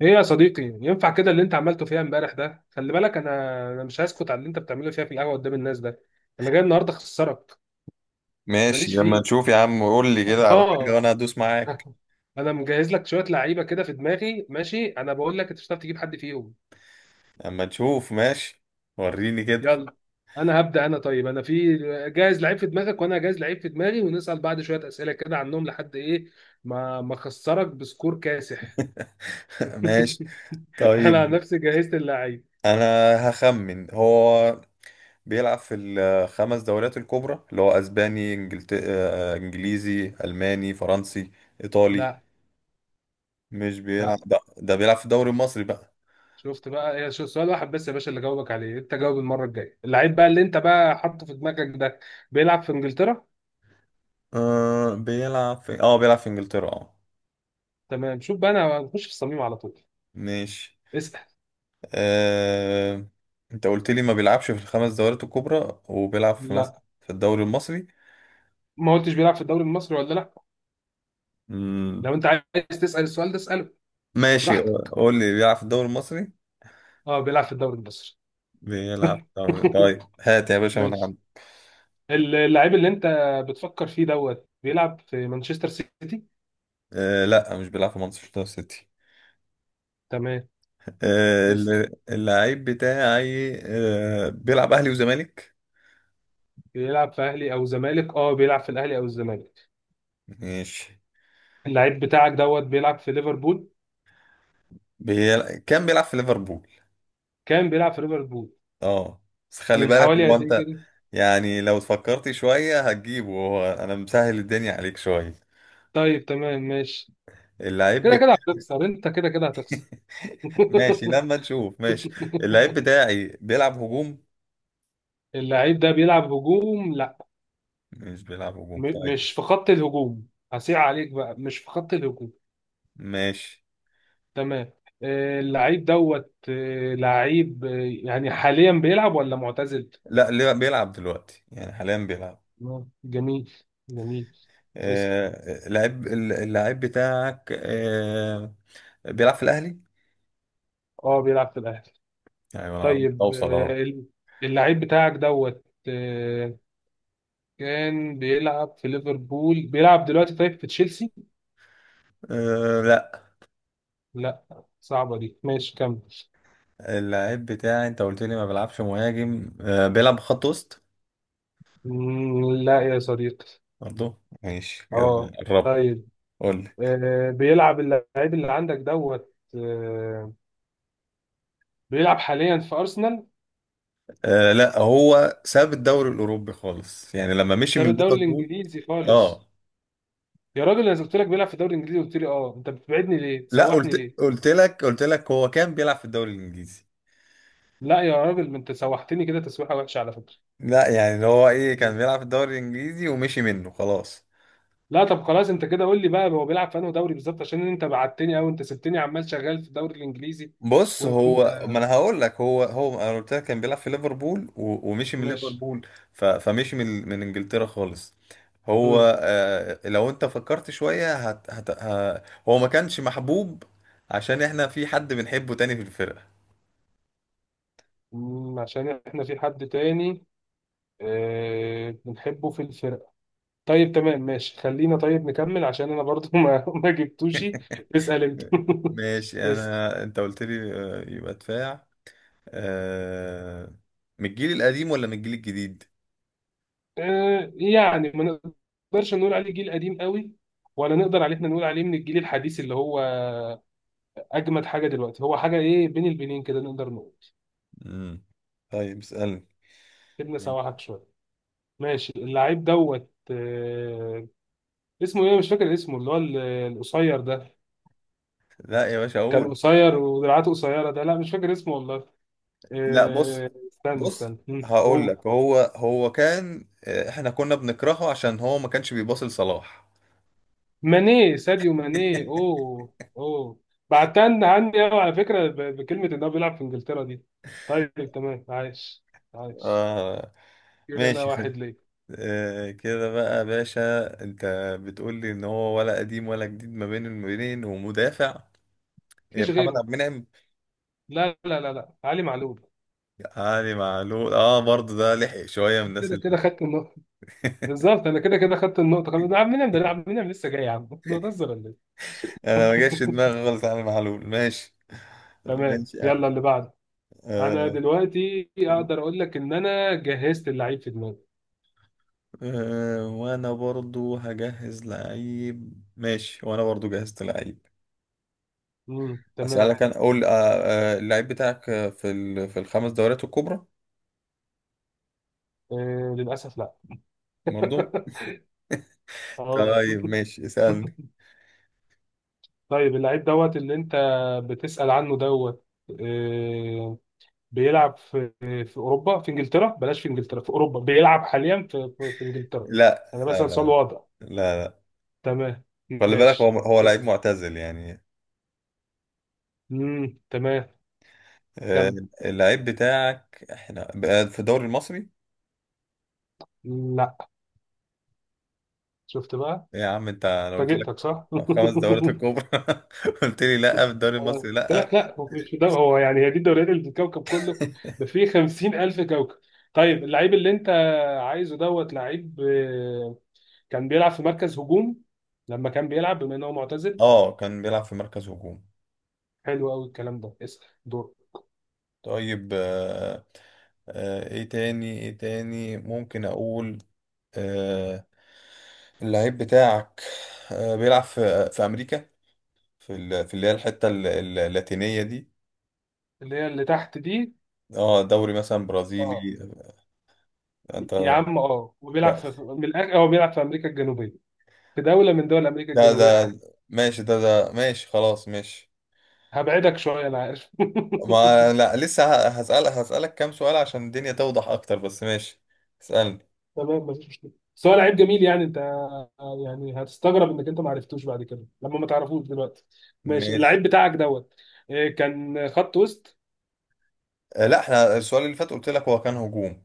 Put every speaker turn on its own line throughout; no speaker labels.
ايه يا صديقي، ينفع كده اللي انت عملته فيها امبارح ده؟ خلي بالك. انا مش هسكت على اللي انت بتعمله فيها في القهوه قدام الناس ده. انا جاي النهارده اخسرك.
ماشي
ماليش
لما
فيه.
نشوف يا عم، قول لي كده على حاجة
اه.
وانا هدوس معاك.
انا مجهز لك شويه لعيبه كده في دماغي، ماشي. انا بقول لك انت مش هتعرف تجيب حد فيهم.
لما نشوف ماشي. وريني كده.
يلا، انا هبدا. انا طيب انا في جاهز لعيب في دماغك، وانا جاهز لعيب في دماغي، ونسال بعض شويه اسئله كده عنهم لحد ايه ما اخسرك بسكور كاسح.
ماشي،
انا عن
طيب
نفسي جهزت اللعيب.
انا هخمن. هو بيلعب في الخمس دوريات الكبرى، اللي هو اسباني، إنجلت... آه، انجليزي، الماني، فرنسي، ايطالي.
لا.
مش
لا،
بيلعب ده بيلعب في الدوري المصري بقى.
شفت بقى؟ هي سؤال واحد بس يا باشا اللي جاوبك عليه، انت جاوب المره الجايه اللعيب بقى اللي انت بقى حاطه في دماغك ده. بيلعب في انجلترا.
أه بيلعب في بيلعب في انجلترا، اه.
تمام، شوف بقى، انا هنخش في الصميم على طول.
ماشي.
اسال.
آه... انت قلت لي ما بيلعبش في الخمس دوريات الكبرى وبيلعب في مثلا
لا،
في الدوري المصري.
ما قلتش بيلعب في الدوري المصري ولا لا.
مم.
لو انت عايز تسال السؤال ده، اساله
ماشي،
براحتك.
قول لي بيلعب في الدوري المصري.
اه، بيلعب في الدوري المصري.
بيلعب في الدوري، طيب هات يا باشا من
ماشي،
عندي.
اللعيب اللي انت بتفكر فيه دوت بيلعب في مانشستر سيتي.
لا مش بيلعب في مانشستر سيتي.
تمام. اسال.
اللعيب بتاعي بيلعب اهلي وزمالك.
بيلعب في اهلي او زمالك؟ اه، بيلعب في الاهلي او الزمالك.
ماشي.
اللعيب بتاعك دوت بيلعب في ليفربول.
كان بيلعب في ليفربول،
كان بيلعب في ليفربول
اه. بس خلي
من
بالك،
حوالي
هو
قد ايه
انت
كده؟
يعني لو فكرت شوية هتجيبه، هو انا مسهل الدنيا عليك شوية.
طيب، تمام، ماشي.
اللعيب.
كده كده هتخسر، انت كده كده هتخسر.
ماشي لما نشوف ماشي. اللعيب بتاعي بيلعب هجوم.
اللعيب ده بيلعب هجوم؟ لا،
مش بيلعب هجوم،
م
طيب
مش في خط الهجوم، هسيع عليك بقى، مش في خط الهجوم.
ماشي.
تمام. اللعيب دوت لعيب يعني حاليا بيلعب ولا معتزل؟
لا ليه- بيلعب دلوقتي، يعني حاليا بيلعب.
جميل، جميل. اسأل.
اللعيب بتاعك بيلعب في الاهلي،
اه، بيلعب في الاهلي.
يعني انا قربت
طيب،
اوصل اهو.
اللعيب بتاعك دوت، كان بيلعب في ليفربول، بيلعب دلوقتي طيب في تشيلسي؟
آه لا.
لا. صعبة دي، ماشي كمل.
اللعيب بتاعي انت قلت لي ما بيلعبش مهاجم، بيلعب خط وسط،
لا يا صديقي.
برضه. ماشي.
اه.
قربت.
طيب،
قول لي.
آه بيلعب اللعيب اللي عندك دوت آه بيلعب حاليا في أرسنال؟
لا، هو ساب الدوري الاوروبي خالص يعني لما مشي
ساب
من
الدوري
ليفربول،
الإنجليزي خالص.
اه.
يا راجل، انا قلت لك بيلعب في الدوري الإنجليزي، قلت لي اه، انت بتبعدني ليه؟
لا،
تسوحني
قلت
ليه؟
قلت لك قلت لك هو كان بيلعب في الدوري الانجليزي.
لا يا راجل، ما انت سوحتني كده تسويحة وحشة على فكرة.
لا يعني اللي هو ايه، كان بيلعب في الدوري الانجليزي ومشي منه خلاص.
لا، طب خلاص، انت كده قول لي بقى هو بيلعب في انهي دوري بالظبط، عشان انت بعتني او انت سبتني عمال شغال في الدوري الإنجليزي.
بص،
وانت.
هو ما انا هقول لك، هو انا قلت لك كان بيلعب في ليفربول ومشي من
ماشي.
ليفربول. فمشي من انجلترا خالص. هو، لو انت فكرت شوية هو ما كانش محبوب، عشان احنا في حد بنحبه تاني في الفرقة.
عشان احنا في حد تاني بنحبه في الفرقة. طيب تمام، ماشي، خلينا طيب نكمل عشان انا برضو ما ما جبتوش. اسأل انت.
ماشي.
اسأل.
انا انت قلت لي يبقى دفاع. آه... من الجيل القديم ولا من الجيل الجديد؟
يعني ما نقدرش نقول عليه جيل قديم قوي، ولا نقدر عليه احنا نقول عليه من الجيل الحديث اللي هو اجمد حاجة دلوقتي. هو حاجة ايه بين البنين كده نقدر نقول.
امم طيب اسألني.
سيبنا
ماشي.
سواحك شوية. ماشي، اللعيب دوت اسمه ايه؟ مش فاكر اسمه، اللي هو القصير ده.
لا يا باشا
كان
اقول.
قصير ودراعاته قصيرة ده. لا، مش فاكر اسمه والله.
لا بص.
استنى،
بص
استنى.
هقول
قول.
لك، هو كان، احنا كنا بنكرهه عشان هو ما كانش بيباصي لصلاح.
ماني، ساديو ماني. اوه، اوه. بعتن عني قوي على فكره بكلمه ان هو بيلعب في انجلترا دي. طيب تمام، عايش، عايش.
آه،
كده انا
ماشي،
واحد
خد.
ليه.
آه كده بقى يا باشا، انت بتقول لي ان هو ولا قديم ولا جديد، ما بين المبينين، ومدافع.
مفيش
محمد
غيره.
عبد المنعم؟
لا، لا، لا، لا، علي معلول.
يعني معلول، اه برضه، ده لحق شويه من الناس.
كده كده خدت النقطه، بالظبط، انا كده كده خدت النقطه خلاص. ده عم مين ده؟ أنا عم مين لسه جاي يا عم؟ بتهزر ولا ايه؟
انا ما جاش في دماغي خالص علي معلول، ماشي.
تمام،
ماشي يا عم.
يلا اللي بعده. انا
آه.
دلوقتي اقدر اقول لك ان انا جهزت اللعيب في دماغي.
وانا برضو هجهز لعيب، ماشي، وانا برضو جهزت لعيب.
تمام.
اسالك، انا اقول. اللعيب بتاعك في في الخمس دوريات الكبرى،
للأسف لا.
برضو؟
اه.
طيب ماشي اسالني.
طيب، اللعيب دوت اللي انت بتسأل عنه دوت، آه، بيلعب في اوروبا، في انجلترا. بلاش في انجلترا، في اوروبا. بيلعب حاليا في في انجلترا.
لا،
انا بسأل سؤال
لا،
واضح.
لا،
تمام،
خلي بالك، هو
ماشي.
لعيب
اسأل.
معتزل يعني.
امم، تمام.
آه.
كم؟
اللعيب بتاعك احنا بقى في الدوري المصري؟
لا. شفت بقى؟
ايه يا عم انت، انا قلت لك
فاجئتك صح؟
خمس دورات الكبرى. قلت لي لا في الدوري
أنا
المصري،
قلت
لا.
لك لا هو مش ده. هو يعني هي دي الدوريات اللي في الكوكب كله؟ ده فيه 50,000 كوكب. طيب، اللعيب اللي انت عايزه دوت لعيب كان بيلعب في مركز هجوم لما كان بيلعب، بما ان هو معتزل.
اه كان بيلعب في مركز هجوم،
حلو قوي الكلام ده. اسال دور.
طيب. آه آه، ايه تاني، ايه تاني ممكن اقول. آه، اللعيب بتاعك بيلعب في امريكا، في اللي هي الحتة اللاتينية دي.
اللي هي اللي تحت دي.
اه دوري مثلا برازيلي.
اه.
انت.
يا عم اه، وبيلعب
ده،
في هو بيلعب في امريكا الجنوبيه، في دوله من دول امريكا
ده
الجنوبيه. حلو.
ماشي، ده ماشي خلاص ماشي.
هبعدك شويه، انا عارف.
ما لا، لسه هسألك كام سؤال عشان الدنيا توضح اكتر، بس ماشي. اسألني.
تمام، مفيش مشكله، بس هو لعيب جميل يعني. انت يعني هتستغرب انك انت ما عرفتوش بعد كده، لما ما تعرفوش دلوقتي. ماشي،
ماشي.
اللعيب بتاعك دوت كان خط وسط.
لا، احنا السؤال اللي فات قلت لك هو كان هجوم.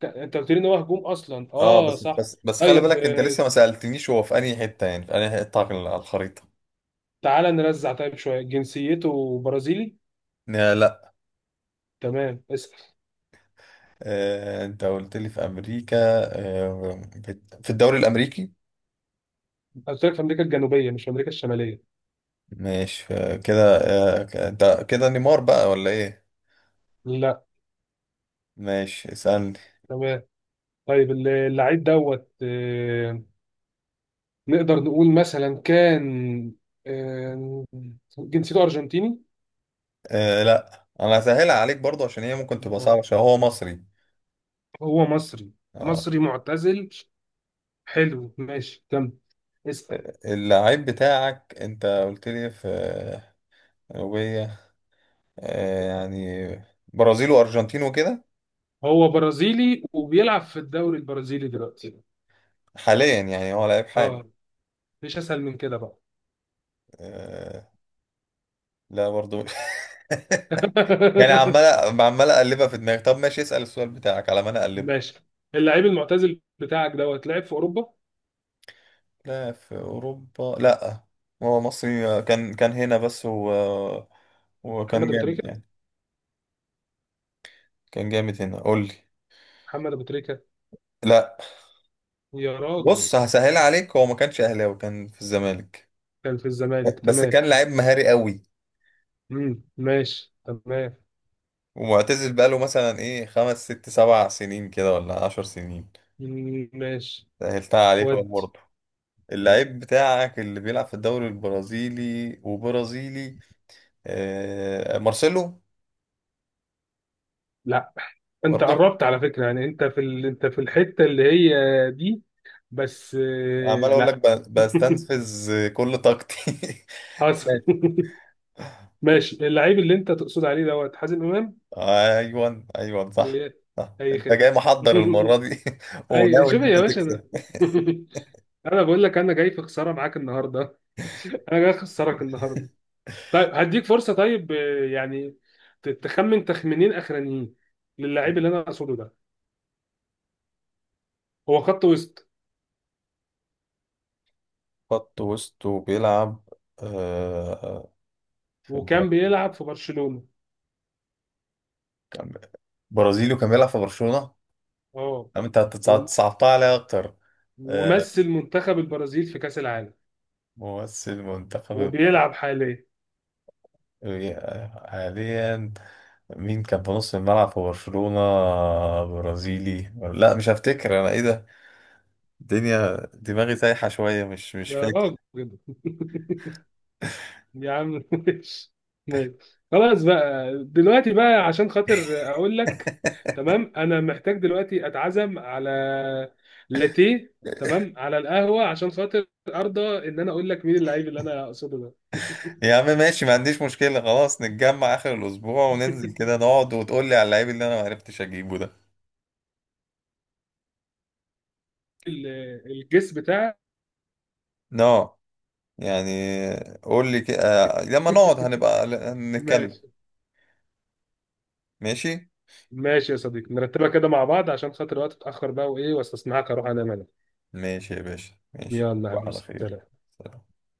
انت قلت لي ان هو هجوم اصلا،
اه
اه
بس
صح.
بس بس خلي
طيب
بالك، انت لسه ما سألتنيش، هو في انهي حتة، يعني في انهي حتة على الخريطة.
تعالى نرزع طيب شويه، جنسيته برازيلي؟
لا لا.
تمام. اسال.
آه، انت قلت لي في امريكا. في الدوري الامريكي.
قلت لك في امريكا الجنوبيه، مش في امريكا الشماليه.
ماشي كده، آه انت كده نيمار بقى ولا ايه؟
لا.
ماشي اسألني.
تمام. طيب، اللعيب دوت نقدر نقول مثلا كان آه، جنسيته ارجنتيني؟
آه لا، انا هسهلها عليك برضو عشان هي ممكن تبقى صعبة، عشان هو مصري.
هو مصري؟
اه.
مصري معتزل. حلو، ماشي كمل. اسأل.
اللعيب بتاعك انت قلت لي في جنوبية، يعني برازيل وارجنتين وكده.
هو برازيلي وبيلعب في الدوري البرازيلي دلوقتي.
حاليا يعني هو لعيب حالي؟
اه. مفيش اسهل من كده بقى.
آه، لا، برضو. يعني عمال عمال اقلبها في دماغي، طب ماشي اسأل السؤال بتاعك على ما انا اقلبها.
ماشي، اللعيب المعتزل بتاعك دوت لعب في اوروبا؟
لا في اوروبا، لا. هو مصري، كان هنا بس وكان
محمد ابو
جامد
تريكه.
يعني. كان جامد هنا، قول لي.
محمد ابو تريكه.
لا
يا راجل.
بص، هسهل عليك، هو ما كانش اهلاوي، كان في الزمالك
كان في الزمالك؟
بس
تمام.
كان لعيب مهاري قوي.
مم. ماشي. تمام.
ومعتزل بقاله مثلا ايه 5 6 7 سنين كده ولا 10 سنين.
مم. ماشي.
سهلتها عليك أهو
ود.
برضه. اللعيب بتاعك اللي بيلعب في الدوري البرازيلي وبرازيلي، آه مارسيلو.
لا، انت
برضه.
قربت على فكره يعني، انت في ال... انت في الحته اللي هي دي، بس
عمال اقول لك
لا.
بستنفذ كل طاقتي.
حصل.
ماشي.
ماشي، اللعيب اللي انت تقصد عليه دوت حازم امام.
ايوه ايوه، صح.
إيه.
صح،
اي
انت
خدمه.
جاي محضر المرة دي.
اي.
وناوي
شوف
ان انت
يا باشا، انا
تكسب.
انا بقول لك انا جاي في خساره معاك النهارده. انا جاي اخسرك النهارده. طيب، هديك فرصه طيب يعني تخمن تخمينين اخرانيين للاعيب اللي انا اقصده ده. هو خط وسط
خط وسط وبيلعب، آه، في
وكان بيلعب في برشلونه.
كان- برازيلي وكان بيلعب في برشلونة.
اه.
انت
وم-
صعبتها عليا اكتر. آه،
ومثل منتخب البرازيل في كاس العالم،
ممثل منتخب
وبيلعب حاليا.
حاليا، مين كان في نص الملعب في برشلونة، برازيلي؟ لا، مش هفتكر انا ايه ده، الدنيا دماغي سايحة شوية، مش
يا
فاكر.
راجل. يا عم، ماشي، ماشي. خلاص بقى دلوقتي بقى، عشان خاطر اقول لك. تمام، انا محتاج دلوقتي اتعزم على لاتيه، تمام، على القهوة عشان خاطر ارضى ان انا اقول لك مين اللعيب اللي انا اقصده ده.
يا عم ماشي، ما عنديش مشكلة، خلاص نتجمع آخر الأسبوع وننزل كده نقعد وتقول لي على اللعيب اللي أنا ما عرفتش أجيبه ده.
ال- الجس بتاعك.
نو يعني، قول لي كده لما نقعد هنبقى
ماشي.
نتكلم. ماشي،
ماشي يا صديقي، نرتبها كده مع بعض عشان خاطر الوقت اتاخر بقى وايه، واستسمحك اروح انام انا.
ماشي يا باشا، ماشي.
يلا يا حبيبي،
على خير.
سلام.
سلام.